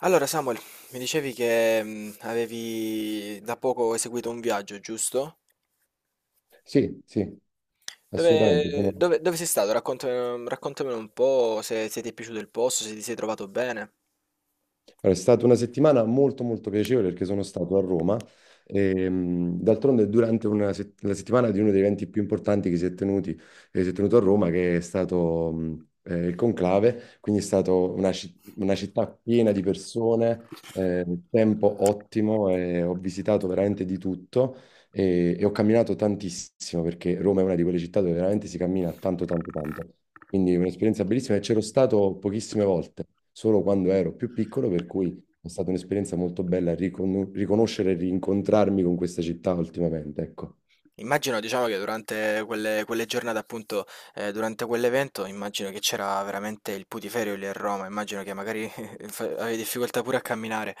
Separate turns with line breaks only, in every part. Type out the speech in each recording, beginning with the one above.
Allora, Samuel, mi dicevi che avevi da poco eseguito un viaggio, giusto?
Sì, sì, assolutamente.
Dove sei stato? Raccontamelo un po', se ti è piaciuto il posto, se ti sei trovato bene.
È stata una settimana molto molto piacevole perché sono stato a Roma. D'altronde durante la settimana di uno degli eventi più importanti che si è tenuti, si è tenuto a Roma, che è stato il Conclave, quindi è stata una città piena di persone, tempo ottimo, e ho visitato veramente di tutto e ho camminato tantissimo perché Roma è una di quelle città dove veramente si cammina tanto tanto tanto. Quindi un'esperienza bellissima e c'ero stato pochissime volte, solo quando ero più piccolo, per cui è stata un'esperienza molto bella riconoscere e rincontrarmi con questa città ultimamente, ecco.
Immagino, diciamo, che durante quelle giornate, appunto, durante quell'evento, immagino che c'era veramente il putiferio lì a Roma, immagino che magari avevi difficoltà pure a camminare.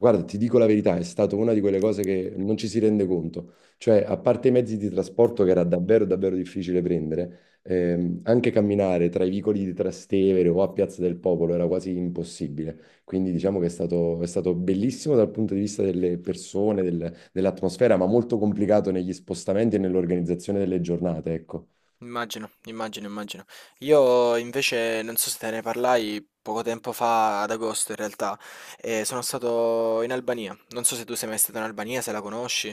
Guarda, ti dico la verità, è stata una di quelle cose che non ci si rende conto. Cioè, a parte i mezzi di trasporto che era davvero, davvero difficile prendere, anche camminare tra i vicoli di Trastevere o a Piazza del Popolo era quasi impossibile. Quindi diciamo che è stato bellissimo dal punto di vista delle persone, dell'atmosfera, ma molto complicato negli spostamenti e nell'organizzazione delle giornate, ecco.
Immagino, immagino, immagino. Io invece non so se te ne parlai poco tempo fa, ad agosto in realtà, e sono stato in Albania. Non so se tu sei mai stato in Albania, se la conosci.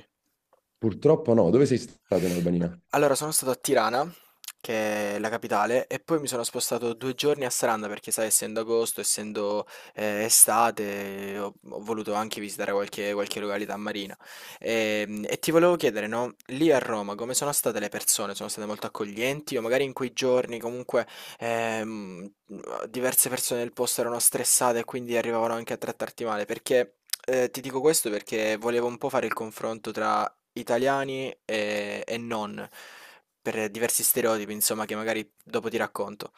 Purtroppo no. Dove sei stato in Albania?
Allora, sono stato a Tirana, che è la capitale, e poi mi sono spostato 2 giorni a Saranda perché, sai, essendo agosto, essendo estate, ho voluto anche visitare qualche località marina. E, ti volevo chiedere, no, lì a Roma come sono state le persone? Sono state molto accoglienti o magari in quei giorni comunque ehm, diverse persone del posto erano stressate e quindi arrivavano anche a trattarti male? Ti dico questo perché volevo un po' fare il confronto tra italiani e non, per diversi stereotipi, insomma, che magari dopo ti racconto.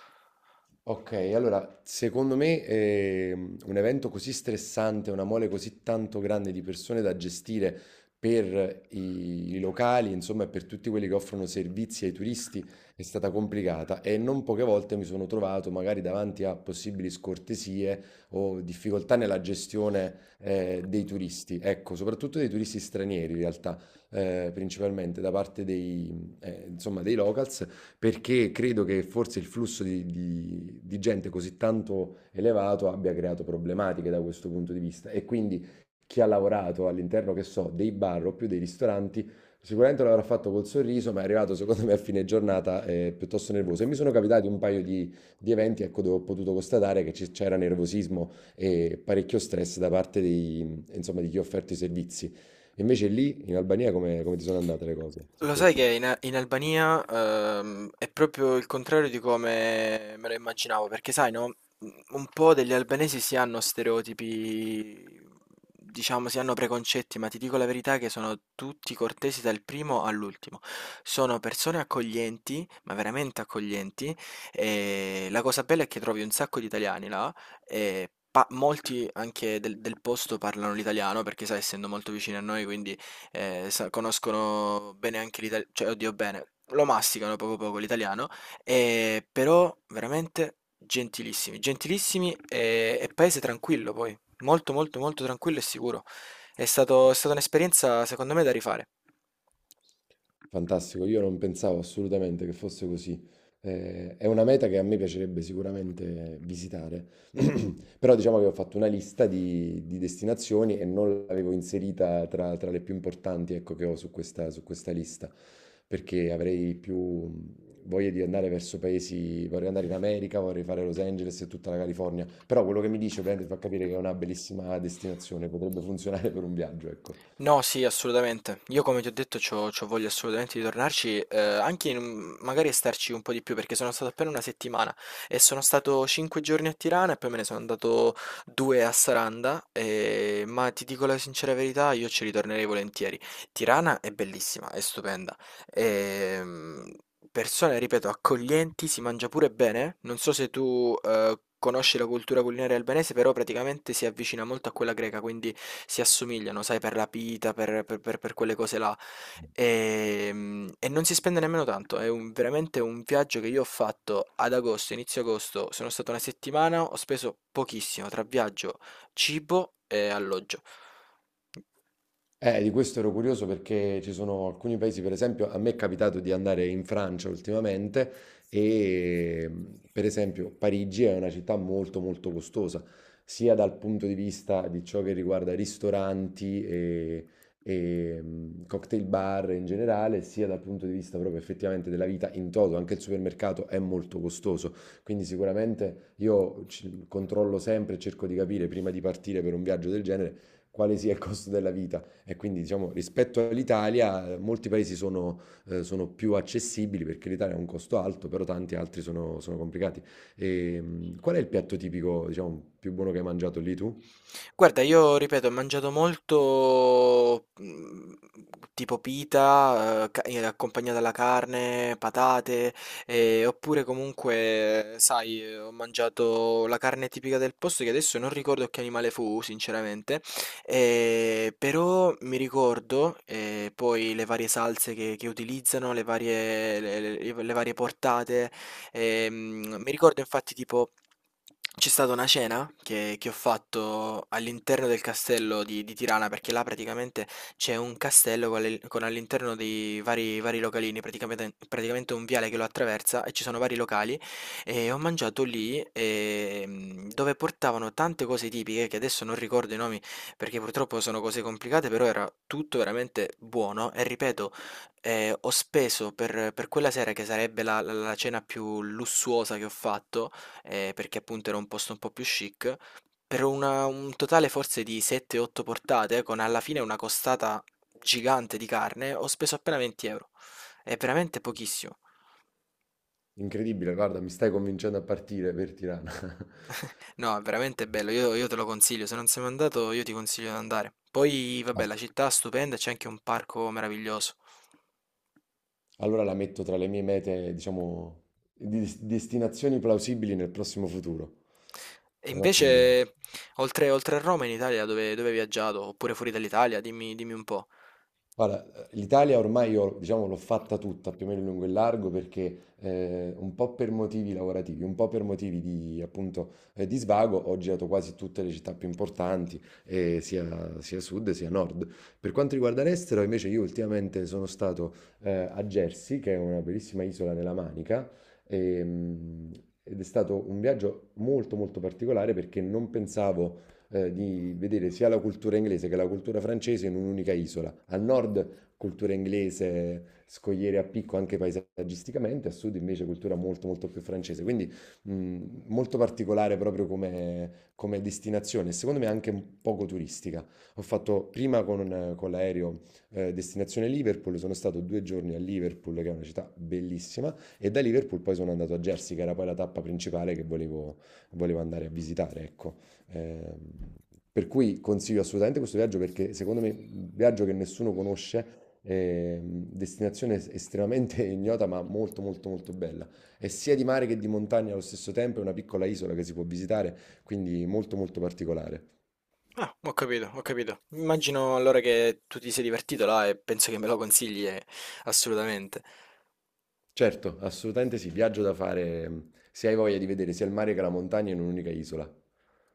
Ok, allora, secondo me un evento così stressante, una mole così tanto grande di persone da gestire per i locali, insomma, e per tutti quelli che offrono servizi ai turisti, è stata complicata e non poche volte mi sono trovato magari davanti a possibili scortesie o difficoltà nella gestione dei turisti, ecco, soprattutto dei turisti stranieri in realtà, principalmente da parte insomma, dei locals perché credo che forse il flusso di gente così tanto elevato abbia creato problematiche da questo punto di vista. E quindi chi ha lavorato all'interno, che so, dei bar o più dei ristoranti, sicuramente l'avrà fatto col sorriso, ma è arrivato secondo me a fine giornata piuttosto nervoso. E mi sono capitati un paio di eventi, ecco, dove ho potuto constatare che c'era nervosismo e parecchio stress da parte insomma, di chi ha offerto i servizi. Invece lì in Albania come ti sono andate le cose su
Lo sai
questo?
che in Albania è proprio il contrario di come me lo immaginavo, perché sai, no? Un po' degli albanesi si hanno stereotipi, diciamo, si hanno preconcetti, ma ti dico la verità che sono tutti cortesi dal primo all'ultimo. Sono persone accoglienti, ma veramente accoglienti, e la cosa bella è che trovi un sacco di italiani là, e molti anche del posto parlano l'italiano, perché sai, essendo molto vicini a noi, quindi conoscono bene anche l'italiano, cioè oddio bene, lo masticano poco poco l'italiano, però veramente gentilissimi, gentilissimi e paese tranquillo poi, molto molto molto tranquillo e sicuro. È stata un'esperienza secondo me da rifare.
Fantastico, io non pensavo assolutamente che fosse così. È una meta che a me piacerebbe sicuramente visitare, però diciamo che ho fatto una lista di destinazioni e non l'avevo inserita tra le più importanti, ecco, che ho su su questa lista, perché avrei più voglia di andare verso paesi, vorrei andare in America, vorrei fare Los Angeles e tutta la California, però quello che mi dice ovviamente fa capire che è una bellissima destinazione, potrebbe funzionare per un viaggio, ecco.
No, sì, assolutamente. Io come ti ho detto c'ho voglia assolutamente di tornarci, anche in magari starci un po' di più perché sono stato appena una settimana e sono stato 5 giorni a Tirana e poi me ne sono andato due a Saranda, ma ti dico la sincera verità, io ci ritornerei volentieri. Tirana è bellissima, è stupenda. ehm, Persone, ripeto, accoglienti, si mangia pure bene. Non so se tu conosci la cultura culinaria albanese, però praticamente si avvicina molto a quella greca, quindi si assomigliano, sai, per la pita, per quelle cose là. E non si spende nemmeno tanto. Veramente un viaggio che io ho fatto ad agosto, inizio agosto. Sono stato una settimana, ho speso pochissimo tra viaggio, cibo e alloggio.
Di questo ero curioso perché ci sono alcuni paesi, per esempio, a me è capitato di andare in Francia ultimamente e mm, per esempio Parigi è una città molto molto costosa, sia dal punto di vista di ciò che riguarda ristoranti e cocktail bar in generale, sia dal punto di vista proprio effettivamente della vita in toto, anche il supermercato è molto costoso, quindi sicuramente io controllo sempre e cerco di capire prima di partire per un viaggio del genere quale sia il costo della vita e quindi, diciamo, rispetto all'Italia, molti paesi sono più accessibili perché l'Italia ha un costo alto, però tanti altri sono complicati. Qual è il piatto tipico, diciamo, più buono che hai mangiato lì tu?
Guarda, io ripeto, ho mangiato molto, tipo pita, ca accompagnata alla carne, patate, oppure comunque sai, ho mangiato la carne tipica del posto che adesso non ricordo che animale fu sinceramente. Però mi ricordo, poi le varie salse che utilizzano, le varie portate. Mi ricordo infatti, tipo, c'è stata una cena che ho fatto all'interno del castello di Tirana, perché là praticamente c'è un castello con all'interno dei vari localini, praticamente un viale che lo attraversa, e ci sono vari locali, e ho mangiato lì, dove portavano tante cose tipiche che adesso non ricordo i nomi perché purtroppo sono cose complicate, però era tutto veramente buono. E ripeto, ho speso per quella sera, che sarebbe la cena più lussuosa che ho fatto, perché appunto era un posto un po' più chic, per una un totale forse di 7, 8 portate, con alla fine una costata gigante di carne, ho speso appena 20 €. È veramente pochissimo.
Incredibile, guarda, mi stai convincendo a partire per Tirana.
No, è veramente bello, io te lo consiglio, se non sei mai andato io ti consiglio di andare. Poi
Ma
vabbè, la città è stupenda e c'è anche un parco meraviglioso.
allora la metto tra le mie mete, diciamo, di destinazioni plausibili nel prossimo futuro.
E
È un'ottima idea.
invece, oltre a Roma, in Italia dove hai viaggiato? Oppure fuori dall'Italia? Dimmi, dimmi un po'.
Guarda, l'Italia ormai io, diciamo, l'ho fatta tutta più o meno in lungo e largo perché un po' per motivi lavorativi, un po' per motivi di, appunto, di svago, ho girato quasi tutte le città più importanti, eh, sia sud sia nord. Per quanto riguarda l'estero, invece, io ultimamente sono stato a Jersey, che è una bellissima isola nella Manica, ehm, ed è stato un viaggio molto molto particolare perché non pensavo di vedere sia la cultura inglese che la cultura francese in un'unica isola. Al nord cultura inglese, scogliere a picco anche paesaggisticamente, a sud invece cultura molto molto più francese. Quindi mh, molto particolare proprio come destinazione, e secondo me anche un poco turistica. Ho fatto prima con l'aereo destinazione Liverpool, sono stato 2 giorni a Liverpool, che è una città bellissima, e da Liverpool poi sono andato a Jersey, che era poi la tappa principale che volevo andare a visitare, ecco. Ehm, per cui consiglio assolutamente questo viaggio perché secondo me è un viaggio che nessuno conosce, destinazione estremamente ignota ma molto molto molto bella. È sia di mare che di montagna allo stesso tempo, è una piccola isola che si può visitare, quindi molto molto particolare.
Ah, ho capito, ho capito. Immagino allora che tu ti sei divertito là e penso che me lo consigli, assolutamente.
Certo, assolutamente sì, viaggio da fare se hai voglia di vedere sia il mare che la montagna in un'unica isola.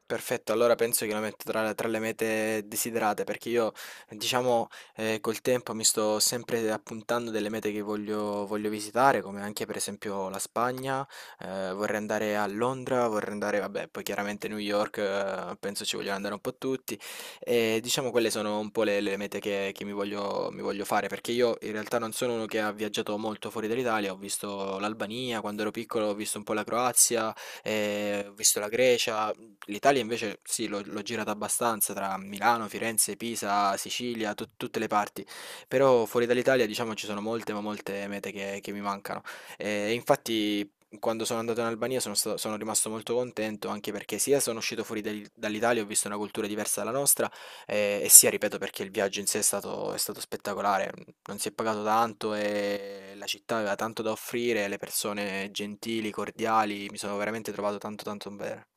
Perfetto, allora penso che lo metto tra le mete desiderate perché io, diciamo, col tempo mi sto sempre appuntando delle mete che voglio visitare, come anche per esempio la Spagna, vorrei andare a Londra, vorrei andare, vabbè, poi chiaramente New York, penso ci vogliono andare un po' tutti, e diciamo quelle sono un po' le mete che mi voglio fare, perché io in realtà non sono uno che ha viaggiato molto fuori dall'Italia, ho visto l'Albania, quando ero piccolo ho visto un po' la Croazia, ho visto la Grecia. L'Italia invece sì, l'ho girata abbastanza tra Milano, Firenze, Pisa, Sicilia, tutte le parti, però fuori dall'Italia diciamo ci sono molte ma molte mete che mi mancano. E infatti quando sono andato in Albania sono rimasto molto contento, anche perché sia sono uscito fuori dall'Italia, ho visto una cultura diversa dalla nostra, e sia, ripeto, perché il viaggio in sé è stato spettacolare, non si è pagato tanto e la città aveva tanto da offrire, le persone gentili, cordiali, mi sono veramente trovato tanto tanto bene.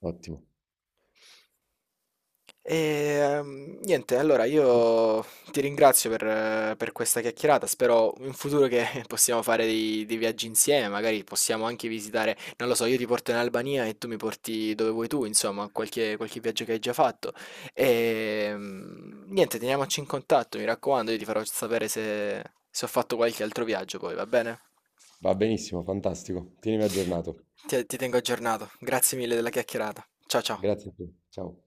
Ottimo,
E, Niente, allora io ti ringrazio per questa chiacchierata. Spero in futuro che possiamo fare dei viaggi insieme. Magari possiamo anche visitare, non lo so, io ti porto in Albania e tu mi porti dove vuoi tu, insomma, qualche viaggio che hai già fatto. Niente, teniamoci in contatto, mi raccomando, io ti farò sapere se ho fatto qualche altro viaggio poi, va bene?
va benissimo, fantastico. Tienimi aggiornato.
Ti tengo aggiornato. Grazie mille della chiacchierata. Ciao ciao.
Grazie a te. Ciao.